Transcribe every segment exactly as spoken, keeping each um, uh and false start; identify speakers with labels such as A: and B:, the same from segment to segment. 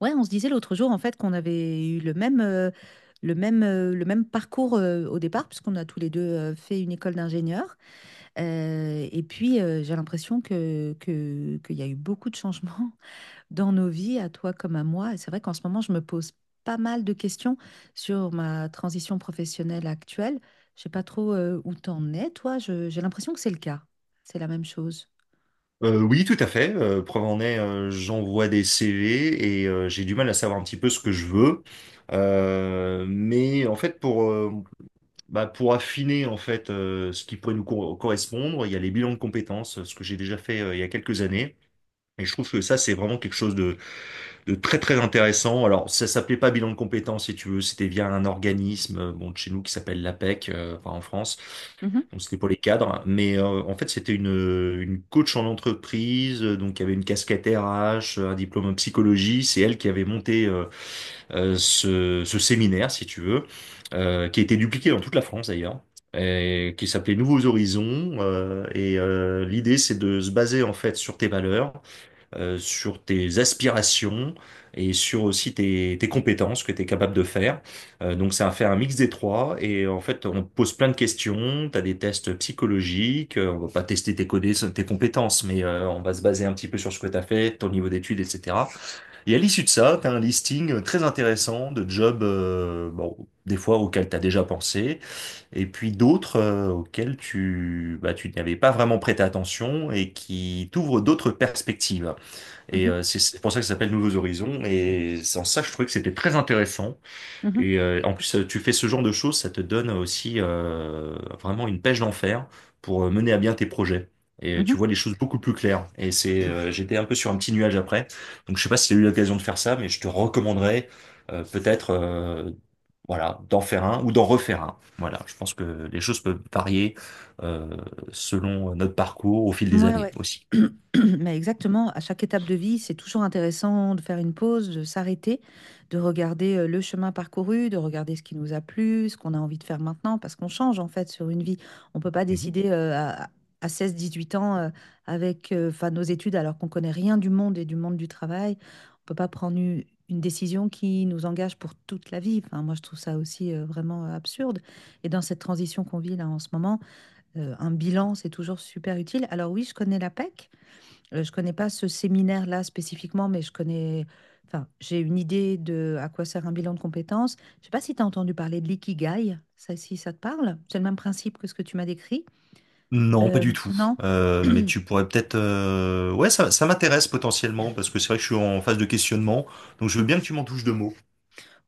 A: Ouais, on se disait l'autre jour en fait qu'on avait eu le même, euh, le même, euh, le même parcours euh, au départ, puisqu'on a tous les deux euh, fait une école d'ingénieur. Euh, et puis euh, j'ai l'impression que, que, qu'il y a eu beaucoup de changements dans nos vies, à toi comme à moi. Et c'est vrai qu'en ce moment, je me pose pas mal de questions sur ma transition professionnelle actuelle. Je sais pas trop euh, où t'en es, toi. Je- j'ai l'impression que c'est le cas. C'est la même chose.
B: Euh, oui, tout à fait. Euh, preuve en est, euh, j'envoie des C V et euh, j'ai du mal à savoir un petit peu ce que je veux. Euh, mais en fait, pour euh, bah, pour affiner en fait euh, ce qui pourrait nous co- correspondre, il y a les bilans de compétences, ce que j'ai déjà fait euh, il y a quelques années. Et je trouve que ça, c'est vraiment quelque chose de, de très très intéressant. Alors, ça s'appelait pas bilan de compétences, si tu veux, c'était via un organisme, euh, bon, de chez nous qui s'appelle l'APEC, euh, enfin, en France.
A: Mhm,
B: Donc, c'était pour les cadres, mais euh, en fait c'était une, une coach en entreprise, euh, donc il y avait une casquette R H, un diplôme en psychologie, c'est elle qui avait monté euh, euh, ce, ce séminaire, si tu veux, euh, qui a été dupliqué dans toute la France d'ailleurs, et qui s'appelait Nouveaux Horizons. euh, et euh, l'idée c'est de se baser en fait sur tes valeurs euh, sur tes aspirations et sur aussi tes, tes compétences que tu es capable de faire. Euh, donc c'est a faire un mix des trois et en fait on te pose plein de questions, tu as des tests psychologiques, euh, on va pas tester tes codés, tes compétences, mais euh, on va se baser un petit peu sur ce que tu as fait, ton niveau d'études, et cetera. Et à l'issue de ça, tu as un listing euh, très intéressant de jobs, euh, bon, des fois auxquels tu as déjà pensé, et puis d'autres euh, auxquels tu, bah, tu n'avais pas vraiment prêté attention et qui t'ouvrent d'autres perspectives. Et
A: mhm,
B: euh, c'est c'est pour ça que ça s'appelle Nouveaux Horizons. Et c'est en ça, je trouvais que c'était très intéressant.
A: mhm,
B: Et euh, en plus, euh, tu fais ce genre de choses, ça te donne aussi euh, vraiment une pêche d'enfer pour euh, mener à bien tes projets. Et
A: mhm.
B: tu vois les choses beaucoup plus claires. Et c'est, euh, j'étais un peu sur un petit nuage après. Donc je sais pas si tu as eu l'occasion de faire ça, mais je te recommanderais euh, peut-être euh, voilà, d'en faire un ou d'en refaire un. Voilà, je pense que les choses peuvent varier euh, selon notre parcours au fil des
A: Ouais,
B: années
A: ouais.
B: aussi.
A: Mais exactement, à chaque étape de vie, c'est toujours intéressant de faire une pause, de s'arrêter, de regarder euh, le chemin parcouru, de regarder ce qui nous a plu, ce qu'on a envie de faire maintenant, parce qu'on change en fait sur une vie. On ne peut pas décider euh, à, à seize dix-huit ans euh, avec euh, 'fin, nos études alors qu'on connaît rien du monde et du monde du travail. On ne peut pas prendre une, une décision qui nous engage pour toute la vie. Enfin, moi, je trouve ça aussi euh, vraiment absurde. Et dans cette transition qu'on vit là en ce moment, euh, un bilan, c'est toujours super utile. Alors oui, je connais l'APEC. Euh, je connais pas ce séminaire-là spécifiquement, mais je connais, enfin, j'ai une idée de à quoi sert un bilan de compétences. Je sais pas si tu as entendu parler de l'ikigai, ça, si ça te parle. C'est le même principe que ce que tu m'as décrit.
B: Non, pas du
A: Euh,
B: tout.
A: non?
B: Euh, mais tu pourrais peut-être... euh, ouais, ça, ça m'intéresse potentiellement, parce que c'est vrai que je suis en phase de questionnement, donc je veux bien que tu m'en touches deux mots.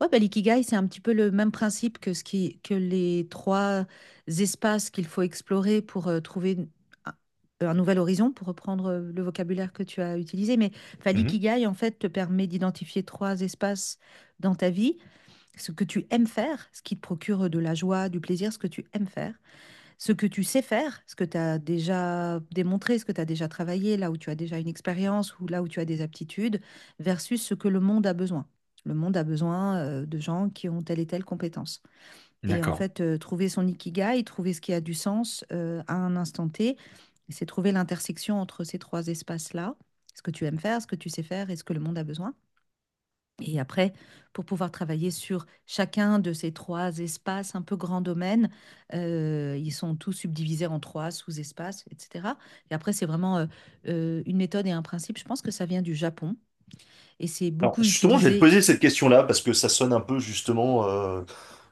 A: Ouais, bah, l'ikigai, c'est un petit peu le même principe que ce qui, que les trois espaces qu'il faut explorer pour euh, trouver une- un, un nouvel horizon, pour reprendre euh, le vocabulaire que tu as utilisé. Mais enfin,
B: Mhm.
A: l'ikigai, en fait, te permet d'identifier trois espaces dans ta vie, ce que tu aimes faire, ce qui te procure de la joie, du plaisir, ce que tu aimes faire ce que tu sais faire, ce que tu as déjà démontré, ce que tu as déjà travaillé, là où tu as déjà une expérience ou là où tu as des aptitudes, versus ce que le monde a besoin. Le monde a besoin euh, de gens qui ont telle et telle compétence. Et en
B: D'accord.
A: fait, euh, trouver son ikigai, trouver ce qui a du sens euh, à un instant T, c'est trouver l'intersection entre ces trois espaces-là, ce que tu aimes faire, ce que tu sais faire et ce que le monde a besoin. Et après, pour pouvoir travailler sur chacun de ces trois espaces un peu grands domaines, euh, ils sont tous subdivisés en trois sous-espaces, et cetera. Et après, c'est vraiment euh, euh, une méthode et un principe. Je pense que ça vient du Japon et c'est
B: Alors
A: beaucoup
B: justement, je vais te
A: utilisé.
B: poser cette question-là, parce que ça sonne un peu justement euh,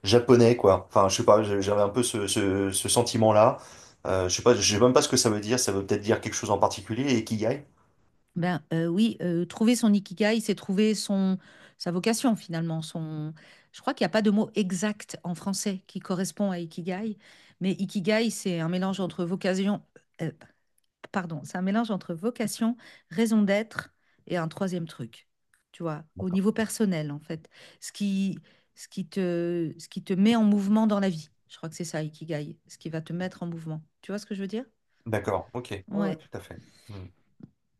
B: japonais, quoi. Enfin, je sais pas, j'ai- j'avais un peu ce, ce, ce sentiment-là. Euh, je sais pas, je sais même pas ce que ça veut dire, ça veut peut-être dire quelque chose en particulier, et qu'il y aille.
A: Ben euh, oui, euh, trouver son ikigai, c'est trouver son sa vocation finalement. Son, je crois qu'il n'y a pas de mot exact en français qui correspond à ikigai, mais ikigai, c'est un mélange entre vocation, euh, pardon, c'est un mélange entre vocation, raison d'être et un troisième truc, tu vois, au
B: D'accord.
A: niveau personnel, en fait. Ce qui, ce qui te, Ce qui te met en mouvement dans la vie. Je crois que c'est ça, Ikigai, ce qui va te mettre en mouvement. Tu vois ce que je veux dire?
B: D'accord, ok. Ouais, ouais,
A: Ouais.
B: tout à fait. Hmm.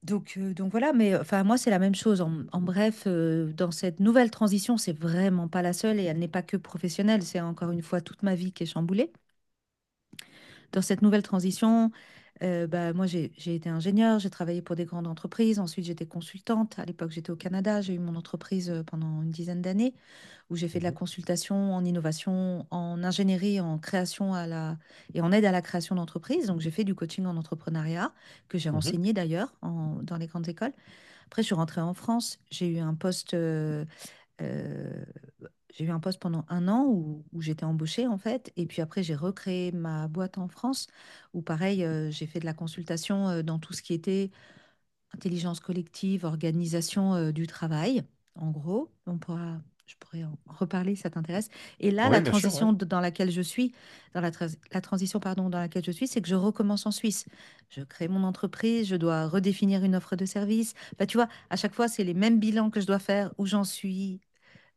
A: Donc, euh, donc voilà, mais enfin moi c'est la même chose. En, en bref, euh, dans cette nouvelle transition, c'est vraiment pas la seule et elle n'est pas que professionnelle. C'est encore une fois toute ma vie qui est chamboulée. Dans cette nouvelle transition, euh, bah, moi, j'ai j'ai été ingénieure, j'ai travaillé pour des grandes entreprises. Ensuite, j'étais consultante. À l'époque, j'étais au Canada. J'ai eu mon entreprise euh, pendant une dizaine d'années où j'ai fait de la
B: Mhm.
A: consultation en innovation, en ingénierie, en création à la... et en aide à la création d'entreprises. Donc, j'ai fait du coaching en entrepreneuriat que j'ai
B: Mhm.
A: enseigné d'ailleurs en- dans les grandes écoles. Après, je suis rentrée en France. J'ai eu un poste euh, euh, j'ai eu un poste pendant un an où, où j'étais embauchée en fait, et puis après j'ai recréé ma boîte en France où pareil euh, j'ai fait de la consultation euh, dans tout ce qui était intelligence collective, organisation euh, du travail. En gros, on pourra, je pourrais en reparler si ça t'intéresse. Et là,
B: Oui,
A: la
B: bien sûr, ouais.
A: transition de- dans laquelle je suis, dans la, trans- la transition pardon dans laquelle je suis, c'est que je recommence en Suisse. Je crée mon entreprise, je dois redéfinir une offre de service. Bah, tu vois, à chaque fois c'est les mêmes bilans que je dois faire, où j'en suis,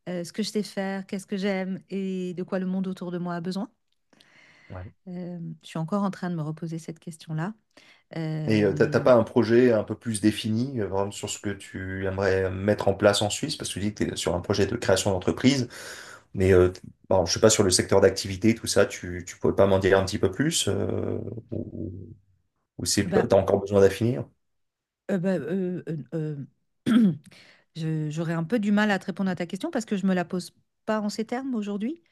A: euh, ce que je sais faire, qu'est-ce que j'aime et de quoi le monde autour de moi a besoin.
B: Ouais.
A: Euh, je suis encore en train de me reposer cette question-là.
B: Et euh, t'as t'as
A: Euh,
B: pas un projet un peu plus défini euh, vraiment sur ce que tu aimerais mettre en place en Suisse? Parce que tu dis que tu es sur un projet de création d'entreprise, mais euh, t- bon, je sais pas sur le secteur d'activité, tout ça, tu, tu pourrais pas m'en dire un petit peu plus euh, ou, ou c'est, pas-
A: Bah,
B: t'as encore besoin d'affinir?
A: euh, bah, euh, euh, euh, je- J'aurais un peu du mal à te répondre à ta question parce que je me la pose pas en ces termes aujourd'hui.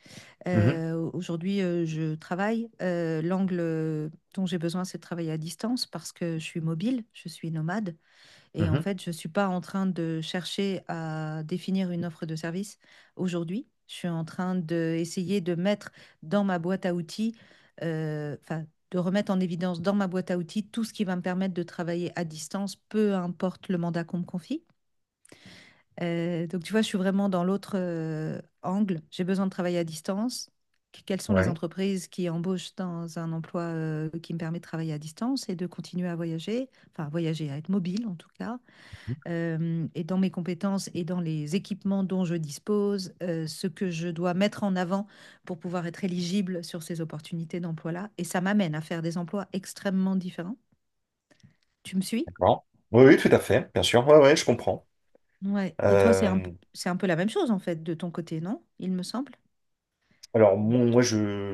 B: Mhm,
A: Euh, aujourd'hui, euh, je travaille. Euh, l'angle euh, dont j'ai besoin, c'est de travailler à distance parce que je suis mobile, je suis nomade. Et en
B: mhm,
A: fait, je ne suis pas en train de chercher à définir une offre de service aujourd'hui. Je suis en train d'essayer de mettre dans ma boîte à outils, euh, enfin, de remettre en évidence dans ma boîte à outils tout ce qui va me permettre de travailler à distance, peu importe le mandat qu'on me confie. Euh, donc, tu vois, je suis vraiment dans l'autre euh, angle. J'ai besoin de travailler à distance. Qu- Quelles sont les
B: ouais,
A: entreprises qui embauchent dans un emploi euh, qui me permet de travailler à distance et de continuer à voyager, enfin, à voyager, à être mobile en tout cas euh, et dans mes compétences et dans les équipements dont je dispose, euh, ce que je dois mettre en avant pour pouvoir être éligible sur ces opportunités d'emploi-là. Et ça m'amène à faire des emplois extrêmement différents. Tu me suis?
B: d'accord. Oui, oui, tout à fait, bien sûr. Ouais, ouais, je comprends.
A: Ouais. Et toi, c'est un, p-
B: Euh,
A: c'est un peu la même chose, en fait, de ton côté, non? Il me semble.
B: alors, mon- moi,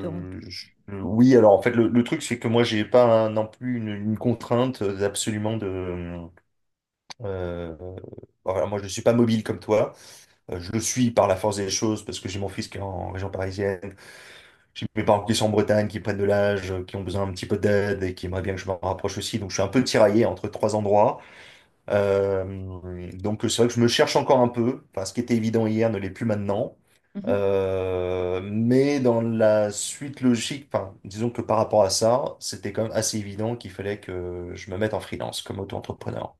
A: Dans-
B: je- oui, alors en fait, le, le truc, c'est que moi, j'ai pas un- non plus une, une contrainte euh, absolument de Euh, bon, voilà, moi, je ne suis pas mobile comme toi. Euh, je le suis par la force des choses parce que j'ai mon fils qui est en région parisienne. J'ai mes parents qui sont en Bretagne, qui prennent de l'âge, euh, qui ont besoin un petit peu d'aide et qui aimeraient bien que je m'en rapproche aussi. Donc, je suis un peu tiraillé entre trois endroits. Euh, donc, c'est vrai que je me cherche encore un peu. Enfin, ce qui était évident hier ne l'est plus maintenant.
A: Mhm,
B: Euh, mais dans la suite logique, enfin, disons que par rapport à ça, c'était quand même assez évident qu'il fallait que je me mette en freelance comme auto-entrepreneur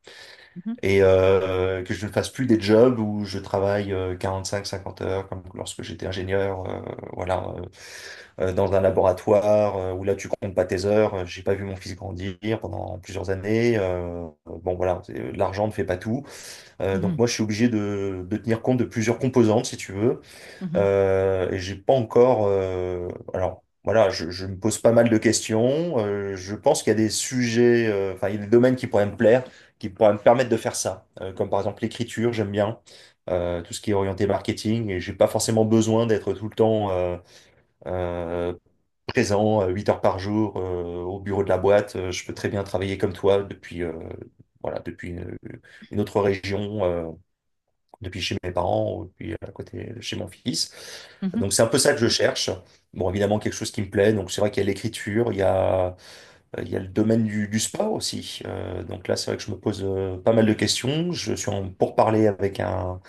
A: mhm,
B: et euh, que je ne fasse plus des jobs où je travaille euh, quarante-cinq à cinquante heures comme lorsque j'étais ingénieur, euh, voilà, euh, euh, dans un laboratoire euh, où là tu comptes pas tes heures. Euh, J'ai pas vu mon fils grandir pendant plusieurs années. Euh, bon, voilà, c'est- l'argent ne fait pas tout. Euh, donc
A: mhm,
B: moi je suis obligé de, de tenir compte de plusieurs composantes si tu veux.
A: mhm,
B: Euh, et j'ai pas encore. Euh, alors voilà, je, je me pose pas mal de questions. Euh, je pense qu'il y a des sujets, euh, enfin il y a des domaines qui pourraient me plaire, qui pourraient me permettre de faire ça. Euh, comme par exemple l'écriture, j'aime bien. Euh, tout ce qui est orienté marketing et j'ai pas forcément besoin d'être tout le temps euh, euh, présent euh, huit heures par jour euh, au bureau de la boîte. Euh, Je peux très bien travailler comme toi depuis euh, voilà, depuis une, une autre région. Euh, depuis chez mes parents ou depuis à côté de chez mon fils.
A: mhm.
B: Donc c'est un peu ça que je cherche. Bon, évidemment, quelque chose qui me plaît. Donc c'est vrai qu'il y a l'écriture, il y a, euh, il y a le domaine du, du sport aussi. Euh, donc là, c'est vrai que je me pose euh, pas mal de questions. Je suis en pourparlers avec un,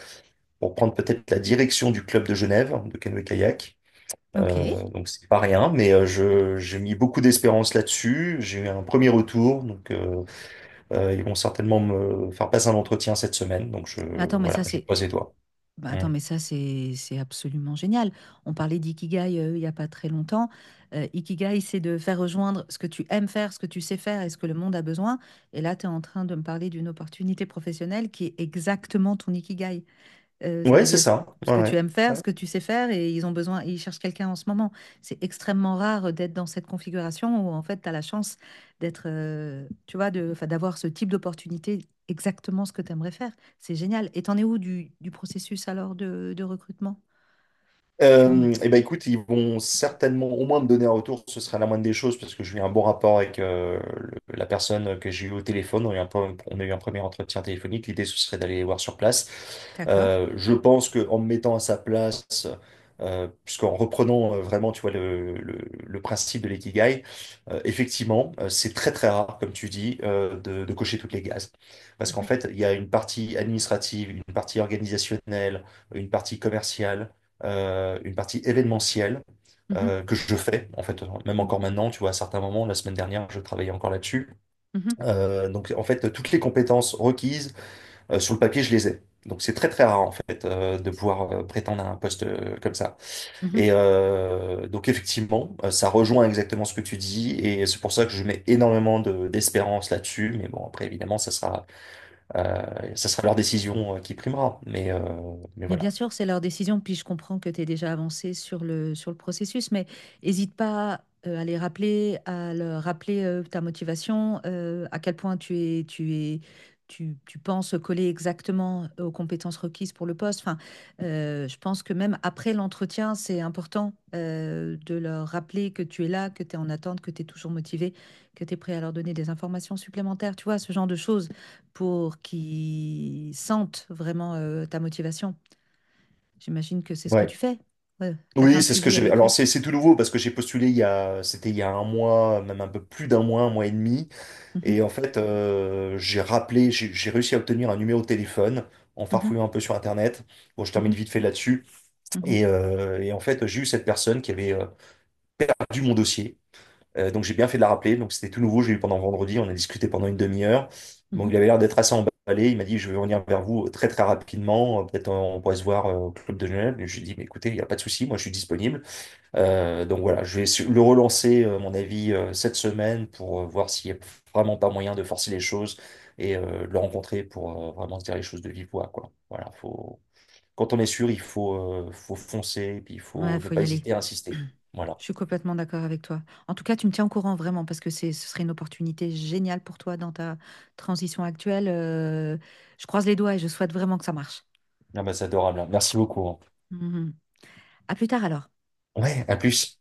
B: pour prendre peut-être la direction du club de Genève, de canoë-kayak.
A: Ok.
B: Euh, donc c'est pas rien, mais euh, je, j'ai mis beaucoup d'espérance là-dessus. J'ai eu un premier retour, donc euh, euh, ils vont certainement me faire passer un entretien cette semaine. Donc je,
A: Attends, mais
B: voilà,
A: ça,
B: je
A: c'est
B: croise les doigts.
A: Bah
B: Mmh.
A: attends, mais ça, c'est c'est absolument génial. On parlait d'ikigai euh, il n'y a pas très longtemps. Euh, Ikigai, c'est de faire rejoindre ce que tu aimes faire, ce que tu sais faire et ce que le monde a besoin. Et là, tu es en train de me parler d'une opportunité professionnelle qui est exactement ton ikigai. Euh, ça
B: Ouais,
A: veut
B: c'est
A: dire ce
B: ça.
A: ce
B: Ouais,
A: que tu
B: ouais.
A: aimes faire,
B: Ouais.
A: ce que tu sais faire, et ils ont besoin, ils cherchent quelqu'un en ce moment. C'est extrêmement rare d'être dans cette configuration où en fait, tu as la chance d'être, euh, tu vois, de, 'fin, d'avoir ce type d'opportunité, exactement ce que tu aimerais faire. C'est génial. Et t'en es où du, du processus alors de, de recrutement? Tu en es.
B: Euh, eh ben écoute, ils vont certainement au moins me donner un retour, ce sera la moindre des choses, parce que j'ai eu un bon rapport avec euh, le- la personne que j'ai eu au téléphone. On a eu un, pre- on a eu un premier entretien téléphonique. L'idée, ce serait d'aller les voir sur place.
A: D'accord.
B: Euh, je pense que en me mettant à sa place, euh, puisqu'en reprenant euh, vraiment, tu vois, le, le, le principe de l'ikigai, euh, effectivement, euh, c'est très très rare, comme tu dis, euh, de, de cocher toutes les cases. Parce qu'en
A: Mhm,
B: fait, il y a une partie administrative, une partie organisationnelle, une partie commerciale euh, une partie événementielle
A: mhm,
B: euh, que je fais, en fait, même
A: mhm,
B: encore maintenant, tu vois, à certains moments, la semaine dernière, je travaillais encore là-dessus. Euh, donc, en fait, toutes les compétences requises euh, sur le papier, je les ai. Donc, c'est très, très rare, en fait, euh, de pouvoir euh, prétendre à un poste euh, comme ça.
A: mhm,
B: Et
A: mhm.
B: euh, donc, effectivement, euh, ça rejoint exactement ce que tu dis, et c'est pour ça que je mets énormément de- d'espérance là-dessus. Mais bon, après, évidemment, ça sera, euh, ça sera leur décision euh, qui primera. Mais, euh, mais
A: Mais bien
B: voilà.
A: sûr, c'est leur décision, puis je comprends que tu es déjà avancé sur le, sur le processus, mais hésite pas euh, à les rappeler, à leur rappeler euh, ta motivation, euh, à quel point tu es, tu es, tu, tu penses coller exactement aux compétences requises pour le poste. Enfin, euh, je pense que même après l'entretien, c'est important euh, de leur rappeler que tu es là, que tu es en attente, que tu es toujours motivé, que tu es prêt à leur donner des informations supplémentaires, tu vois, ce genre de choses pour qu'ils sentent vraiment euh, ta motivation. J'imagine que c'est ce que
B: Ouais.
A: tu fais. Ouais, t'as fait un
B: Oui, c'est ce que
A: suivi
B: j'ai.
A: avec
B: Alors
A: eux.
B: c'est c'est tout nouveau parce que j'ai postulé il y a, c'était il y a un mois, même un peu plus d'un mois, un mois et demi. Et
A: Mhm,
B: en fait, euh, j'ai rappelé, j'ai j'ai réussi à obtenir un numéro de téléphone en
A: mhm,
B: farfouillant un peu sur Internet. Bon, je termine
A: mhm,
B: vite fait là-dessus.
A: mhm,
B: Et, euh, et en fait, j'ai eu cette personne qui avait euh, perdu mon dossier. Euh, donc j'ai bien fait de la rappeler. Donc c'était tout nouveau. J'ai eu pendant vendredi. On a discuté pendant une demi-heure. Donc il avait l'air d'être assez emballé. Il m'a dit, je vais revenir vers vous euh, très très rapidement. Euh, Peut-être on pourrait se voir euh, au club de Genève. Et je lui ai dit, mais écoutez, il n'y a pas de souci. Moi, je suis disponible. Euh, donc voilà, je vais le relancer, euh, à mon avis, euh, cette semaine pour euh, voir s'il n'y a vraiment pas moyen de forcer les choses et euh, de le rencontrer pour euh, vraiment se dire les choses de vive voix, quoi. Voilà, faut... Quand on est sûr, il faut, euh, faut foncer et puis il
A: mhm. Ouais,
B: faut ne
A: faut
B: pas
A: y aller.
B: hésiter à insister. Voilà.
A: Je suis complètement d'accord avec toi. En tout cas, tu me tiens au courant vraiment parce que c'est, ce serait une opportunité géniale pour toi dans ta transition actuelle. Euh, je croise les doigts et je souhaite vraiment que ça marche.
B: Non, bah, c'est adorable, hein. Merci beaucoup, hein.
A: Mhm. À plus tard alors.
B: Ouais, à plus.